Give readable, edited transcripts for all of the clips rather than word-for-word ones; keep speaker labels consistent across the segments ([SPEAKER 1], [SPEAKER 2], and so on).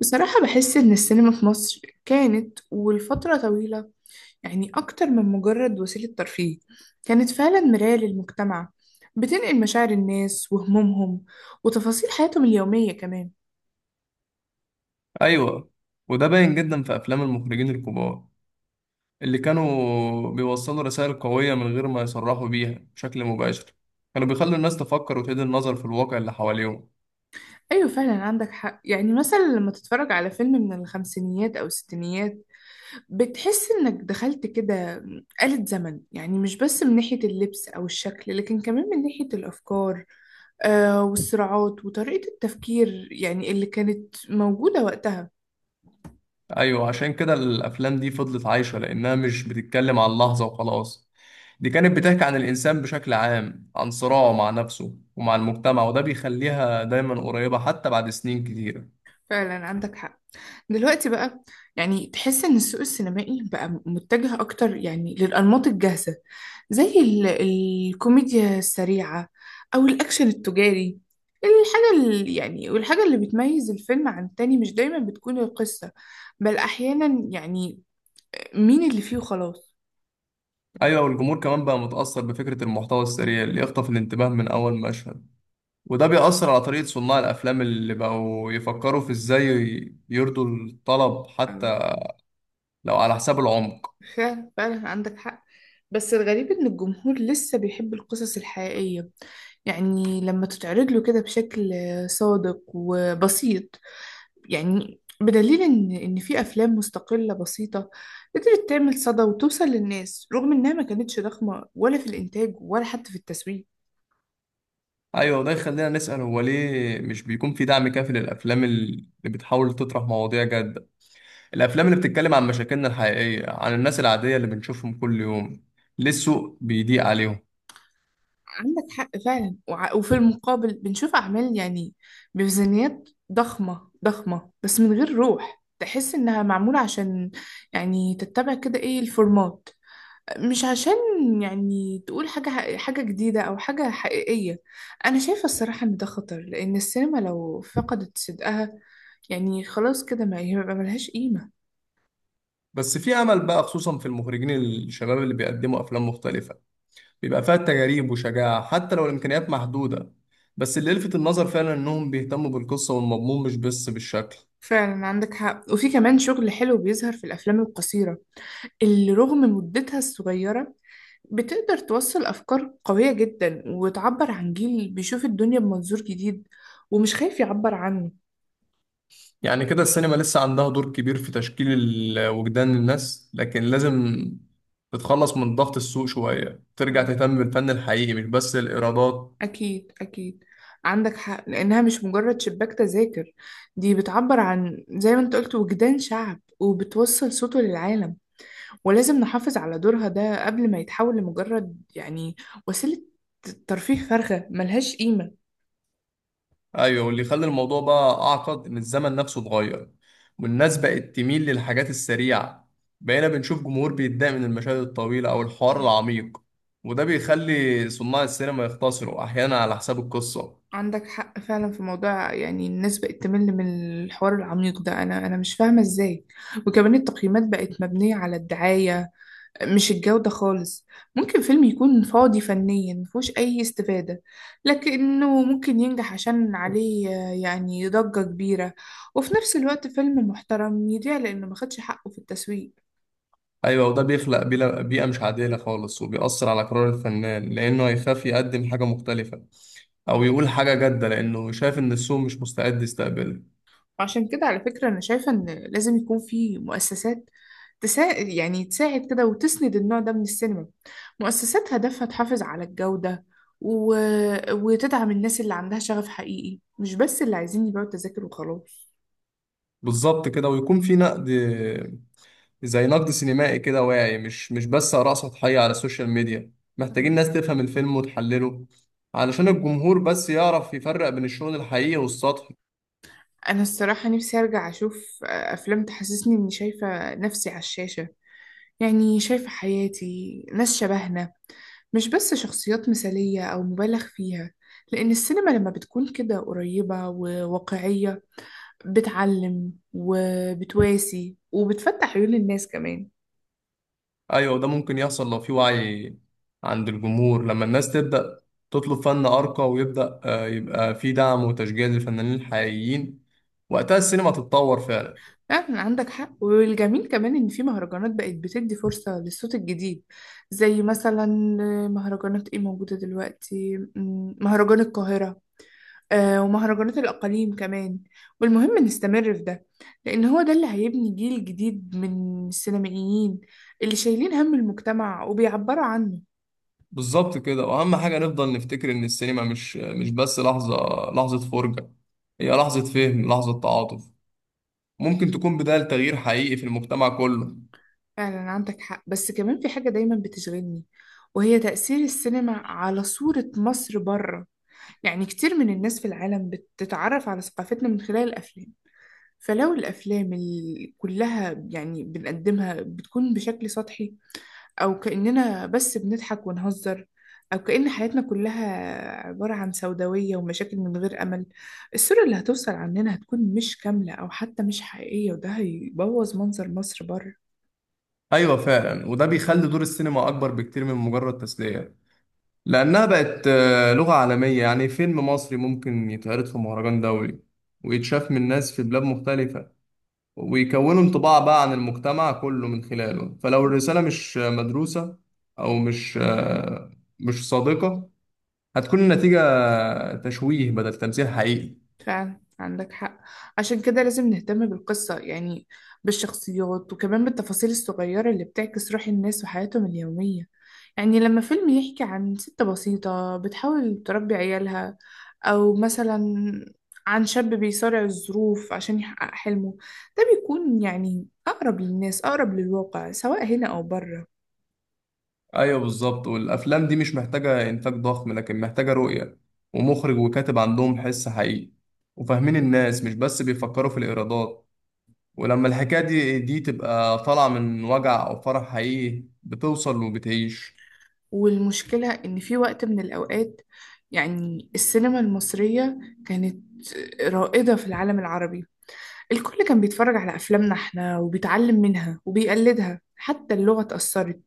[SPEAKER 1] بصراحة بحس إن السينما في مصر كانت ولفترة طويلة يعني أكتر من مجرد وسيلة ترفيه. كانت فعلا مراية للمجتمع، بتنقل مشاعر الناس وهمومهم وتفاصيل حياتهم اليومية كمان.
[SPEAKER 2] ايوه، وده باين جدا في افلام المخرجين الكبار اللي كانوا بيوصلوا رسائل قوية من غير ما يصرحوا بيها بشكل مباشر. كانوا بيخلوا الناس تفكر وتعيد النظر في الواقع اللي حواليهم.
[SPEAKER 1] أيوة، فعلا عندك حق. يعني مثلا لما تتفرج على فيلم من الخمسينيات أو الستينيات، بتحس إنك دخلت كده آلة زمن. يعني مش بس من ناحية اللبس أو الشكل، لكن كمان من ناحية الأفكار والصراعات وطريقة التفكير يعني اللي كانت موجودة وقتها.
[SPEAKER 2] ايوه، عشان كده الافلام دي فضلت عايشة لانها مش بتتكلم عن لحظة وخلاص. دي كانت بتحكي عن الانسان بشكل عام، عن صراعه مع نفسه ومع المجتمع، وده بيخليها دايما قريبة حتى بعد سنين كتيرة.
[SPEAKER 1] فعلا عندك حق. دلوقتي بقى، يعني تحس إن السوق السينمائي بقى متجه أكتر يعني للأنماط الجاهزة، زي الكوميديا السريعة أو الأكشن التجاري. الحاجة اللي يعني والحاجة اللي بتميز الفيلم عن التاني مش دايما بتكون القصة، بل أحيانا يعني مين اللي فيه وخلاص.
[SPEAKER 2] ايوه، والجمهور كمان بقى متأثر بفكرة المحتوى السريع اللي يخطف الانتباه من اول مشهد. وده بيأثر على طريقة صناع الأفلام اللي بقوا يفكروا في إزاي يرضوا الطلب حتى لو على حساب العمق.
[SPEAKER 1] فعلا فعلا عندك حق. بس الغريب إن الجمهور لسه بيحب القصص الحقيقية، يعني لما تتعرض له كده بشكل صادق وبسيط. يعني بدليل إن في أفلام مستقلة بسيطة قدرت تعمل صدى وتوصل للناس رغم إنها ما كانتش ضخمة ولا في الإنتاج ولا حتى في التسويق.
[SPEAKER 2] أيوة، وده يخلينا نسأل، هو ليه مش بيكون في دعم كافي للأفلام اللي بتحاول تطرح مواضيع جادة؟ الأفلام اللي بتتكلم عن مشاكلنا الحقيقية، عن الناس العادية اللي بنشوفهم كل يوم. ليه السوق بيضيق عليهم؟
[SPEAKER 1] عندك حق فعلا. وفي المقابل بنشوف أعمال يعني بميزانيات ضخمة ضخمة، بس من غير روح. تحس إنها معمولة عشان يعني تتبع كده إيه الفورمات، مش عشان يعني تقول حاجة حاجة جديدة أو حاجة حقيقية. أنا شايفة الصراحة إن ده خطر، لأن السينما لو فقدت صدقها يعني خلاص كده ما يبقى ملهاش قيمة.
[SPEAKER 2] بس في أمل بقى، خصوصا في المخرجين الشباب اللي بيقدموا أفلام مختلفة، بيبقى فيها تجارب وشجاعة حتى لو الإمكانيات محدودة. بس اللي لفت النظر فعلا إنهم بيهتموا بالقصة والمضمون مش بس بالشكل.
[SPEAKER 1] فعلا عندك حق. وفي كمان شغل حلو بيظهر في الأفلام القصيرة، اللي رغم مدتها الصغيرة بتقدر توصل أفكار قوية جدا وتعبر عن جيل بيشوف الدنيا بمنظور جديد، ومش خايف يعبر عنه.
[SPEAKER 2] يعني كده السينما لسه عندها دور كبير في تشكيل وجدان الناس، لكن لازم تتخلص من ضغط السوق شوية، ترجع تهتم بالفن الحقيقي مش بس الإيرادات.
[SPEAKER 1] أكيد أكيد، عندك حق. لأنها مش مجرد شباك تذاكر، دي بتعبر عن زي ما أنت قلت وجدان شعب، وبتوصل صوته للعالم. ولازم نحافظ على دورها ده قبل ما يتحول لمجرد يعني وسيلة ترفيه فارغة ملهاش قيمة.
[SPEAKER 2] ايوه، واللي خلى الموضوع بقى اعقد ان الزمن نفسه اتغير، والناس بقت تميل للحاجات السريعه. بقينا بنشوف جمهور بيتضايق من المشاهد الطويله او الحوار العميق، وده بيخلي صناع السينما يختصروا احيانا على حساب القصه.
[SPEAKER 1] عندك حق فعلا في موضوع. يعني الناس بقت تمل من الحوار العميق ده، انا مش فاهمه ازاي. وكمان التقييمات بقت مبنيه على الدعايه، مش الجوده خالص. ممكن فيلم يكون فاضي فنيا، مفيهوش اي استفاده، لكنه ممكن ينجح عشان عليه يعني ضجه كبيره. وفي نفس الوقت فيلم محترم يضيع لانه ما خدش حقه في التسويق.
[SPEAKER 2] ايوه، وده بيخلق بيئه مش عادله خالص، وبيأثر على قرار الفنان لانه هيخاف يقدم حاجه مختلفه او يقول حاجه جاده لانه شايف ان السوق مش مستعد يستقبلها.
[SPEAKER 1] عشان كده على فكرة أنا شايفة إن لازم يكون في مؤسسات يعني تساعد كده وتسند النوع ده من السينما. مؤسسات هدفها تحافظ على الجودة، و... وتدعم الناس اللي عندها شغف حقيقي، مش بس اللي عايزين يبيعوا التذاكر وخلاص.
[SPEAKER 2] بالظبط كده، ويكون في نقد، زي نقد سينمائي كده واعي، مش بس آراء سطحية على السوشيال ميديا. محتاجين ناس تفهم الفيلم وتحلله علشان الجمهور بس يعرف يفرق بين الشغل الحقيقي والسطحي.
[SPEAKER 1] أنا الصراحة نفسي أرجع أشوف أفلام تحسسني إني شايفة نفسي على الشاشة، يعني شايفة حياتي، ناس شبهنا، مش بس شخصيات مثالية أو مبالغ فيها. لأن السينما لما بتكون كده قريبة وواقعية، بتعلم وبتواسي وبتفتح عيون الناس كمان.
[SPEAKER 2] أيوة، وده ممكن يحصل لو في وعي عند الجمهور. لما الناس تبدأ تطلب فن أرقى، ويبدأ يبقى في دعم وتشجيع للفنانين الحقيقيين، وقتها السينما تتطور فعلا.
[SPEAKER 1] فعلا عندك حق. والجميل كمان إن في مهرجانات بقت بتدي فرصة للصوت الجديد، زي مثلا مهرجانات إيه موجودة دلوقتي، مهرجان القاهرة، ومهرجانات الأقاليم كمان. والمهم نستمر في ده، لأن هو ده اللي هيبني جيل جديد من السينمائيين اللي شايلين هم المجتمع وبيعبروا عنه.
[SPEAKER 2] بالظبط كده، وأهم حاجة نفضل نفتكر إن السينما مش بس لحظة، لحظة فرجة. هي لحظة فهم، لحظة تعاطف. ممكن تكون بداية لتغيير حقيقي في المجتمع كله.
[SPEAKER 1] فعلا عندك حق. بس كمان في حاجة دايما بتشغلني، وهي تأثير السينما على صورة مصر بره. يعني كتير من الناس في العالم بتتعرف على ثقافتنا من خلال الأفلام، فلو الأفلام كلها يعني بنقدمها بتكون بشكل سطحي، أو كأننا بس بنضحك ونهزر، أو كأن حياتنا كلها عبارة عن سوداوية ومشاكل من غير أمل، الصورة اللي هتوصل عننا هتكون مش كاملة أو حتى مش حقيقية، وده هيبوظ منظر مصر بره.
[SPEAKER 2] أيوة فعلا، وده بيخلي دور السينما أكبر بكتير من مجرد تسلية، لأنها بقت لغة عالمية. يعني فيلم مصري ممكن يتعرض في مهرجان دولي ويتشاف من ناس في بلاد مختلفة، ويكونوا انطباع بقى عن المجتمع كله من خلاله. فلو الرسالة مش مدروسة، أو مش صادقة، هتكون النتيجة تشويه بدل تمثيل حقيقي.
[SPEAKER 1] فعلا عندك حق. عشان كده لازم نهتم بالقصة، يعني بالشخصيات وكمان بالتفاصيل الصغيرة اللي بتعكس روح الناس وحياتهم اليومية. يعني لما فيلم يحكي عن ست بسيطة بتحاول تربي عيالها، أو مثلا عن شاب بيصارع الظروف عشان يحقق حلمه، ده بيكون يعني أقرب للناس، أقرب للواقع، سواء هنا أو بره.
[SPEAKER 2] ايوه بالظبط، والافلام دي مش محتاجه انتاج ضخم لكن محتاجه رؤيه، ومخرج وكاتب عندهم حس حقيقي وفاهمين الناس، مش بس بيفكروا في الايرادات. ولما الحكايه دي تبقى طالعه من وجع او فرح حقيقي بتوصل وبتعيش.
[SPEAKER 1] والمشكلة إن في وقت من الأوقات يعني السينما المصرية كانت رائدة في العالم العربي. الكل كان بيتفرج على أفلامنا احنا وبيتعلم منها وبيقلدها، حتى اللغة اتأثرت.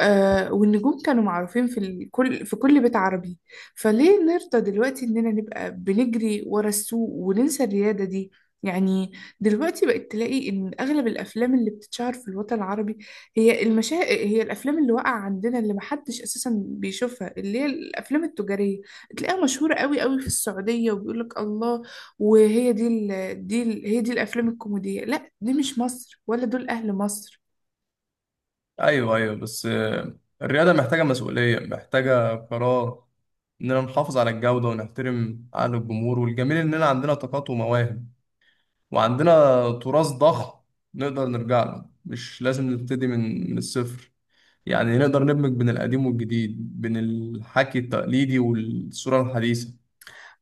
[SPEAKER 1] والنجوم كانوا معروفين في كل في كل بيت عربي. فليه نرضى دلوقتي إننا نبقى بنجري ورا السوق وننسى الريادة دي؟ يعني دلوقتي بقت تلاقي إن أغلب الأفلام اللي بتتشهر في الوطن العربي، هي هي الأفلام اللي واقعة عندنا، اللي محدش أساسا بيشوفها، اللي هي الأفلام التجارية. تلاقيها مشهورة قوي قوي في السعودية وبيقولك الله. وهي دي هي دي الأفلام الكوميدية. لا، دي مش مصر، ولا دول أهل مصر.
[SPEAKER 2] ايوه، ايوه، بس الرياضه محتاجه مسؤوليه، محتاجه قرار اننا نحافظ على الجوده ونحترم عقل الجمهور. والجميل اننا عندنا طاقات ومواهب، وعندنا تراث ضخم نقدر نرجع له، مش لازم نبتدي من الصفر. يعني نقدر ندمج بين القديم والجديد، بين الحكي التقليدي والصورة الحديثة.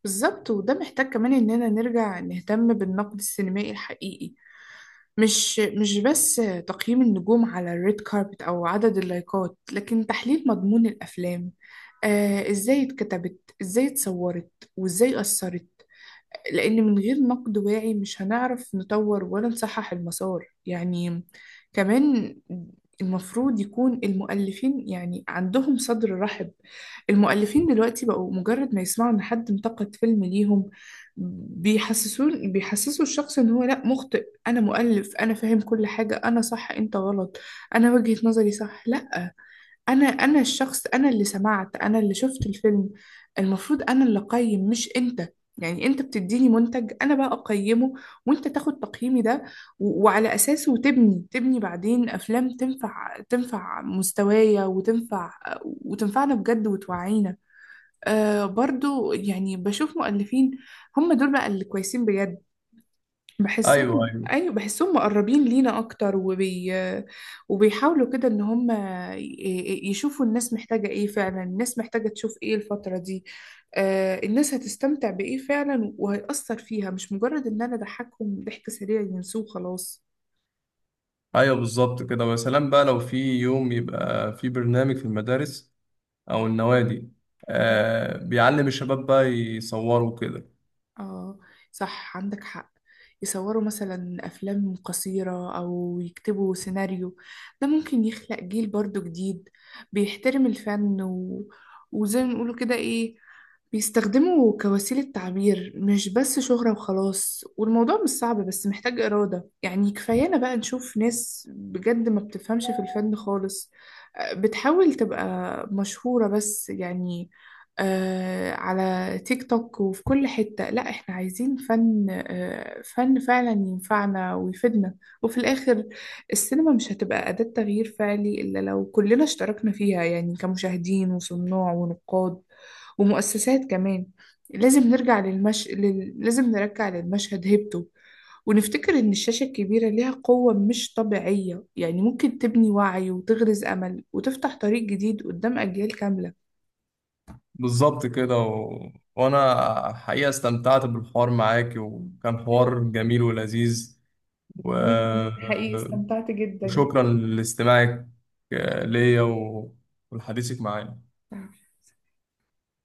[SPEAKER 1] بالظبط. وده محتاج كمان إننا نرجع نهتم بالنقد السينمائي الحقيقي، مش بس تقييم النجوم على الريد كاربت أو عدد اللايكات، لكن تحليل مضمون الأفلام. إزاي اتكتبت، إزاي اتصورت، وإزاي أثرت. لأن من غير نقد واعي مش هنعرف نطور ولا نصحح المسار. يعني كمان المفروض يكون المؤلفين يعني عندهم صدر رحب. المؤلفين دلوقتي بقوا مجرد ما يسمعوا إن حد انتقد فيلم ليهم، بيحسسوا الشخص إن هو لأ مخطئ، أنا مؤلف، أنا فاهم كل حاجة، أنا صح أنت غلط، أنا وجهة نظري صح. لأ، انا الشخص، انا اللي سمعت، انا اللي شفت الفيلم، المفروض انا اللي اقيم مش انت. يعني انت بتديني منتج، انا بقى اقيمه، وانت تاخد تقييمي ده، وعلى اساسه تبني بعدين افلام تنفع مستوايا وتنفع وتنفعنا بجد وتوعينا. برضو يعني بشوف مؤلفين هم دول بقى اللي كويسين بجد،
[SPEAKER 2] ايوه،
[SPEAKER 1] بحسهم،
[SPEAKER 2] ايوه،
[SPEAKER 1] ايوه بحسهم مقربين لينا اكتر، وبيحاولوا كده ان هم يشوفوا الناس محتاجة ايه فعلا، الناس محتاجة تشوف ايه الفترة دي. الناس هتستمتع بايه فعلا وهيأثر فيها، مش مجرد ان انا اضحكهم ضحك سريع ينسوه وخلاص.
[SPEAKER 2] ايوه، بالظبط كده. ويا سلام بقى لو في يوم يبقى في برنامج في المدارس او النوادي
[SPEAKER 1] مم.
[SPEAKER 2] بيعلم الشباب بقى يصوروا كده.
[SPEAKER 1] اه، صح، عندك حق. يصوروا مثلا افلام قصيرة او يكتبوا سيناريو، ده ممكن يخلق جيل برضو جديد بيحترم الفن، وزي ما بيقولوا كده ايه، بيستخدمه كوسيلة تعبير مش بس شهرة وخلاص. والموضوع مش صعب بس محتاج إرادة. يعني كفايانا بقى نشوف ناس بجد ما بتفهمش في الفن خالص، بتحاول تبقى مشهورة بس يعني على تيك توك وفي كل حتة. لا، احنا عايزين فن، فن فعلا ينفعنا ويفيدنا. وفي الآخر، السينما مش هتبقى أداة تغيير فعلي إلا لو كلنا اشتركنا فيها، يعني كمشاهدين وصناع ونقاد ومؤسسات كمان. لازم نرجع للمشهد هيبته. ونفتكر إن الشاشة الكبيرة ليها قوة مش طبيعية، يعني ممكن تبني وعي وتغرز أمل وتفتح طريق جديد قدام أجيال كاملة.
[SPEAKER 2] بالظبط كده، و... وانا حقيقة استمتعت بالحوار معاك، وكان حوار جميل ولذيذ. و...
[SPEAKER 1] وأنا كمان حقيقي استمتعت جدا.
[SPEAKER 2] وشكرا لاستماعك ليا، و... ولحديثك معايا.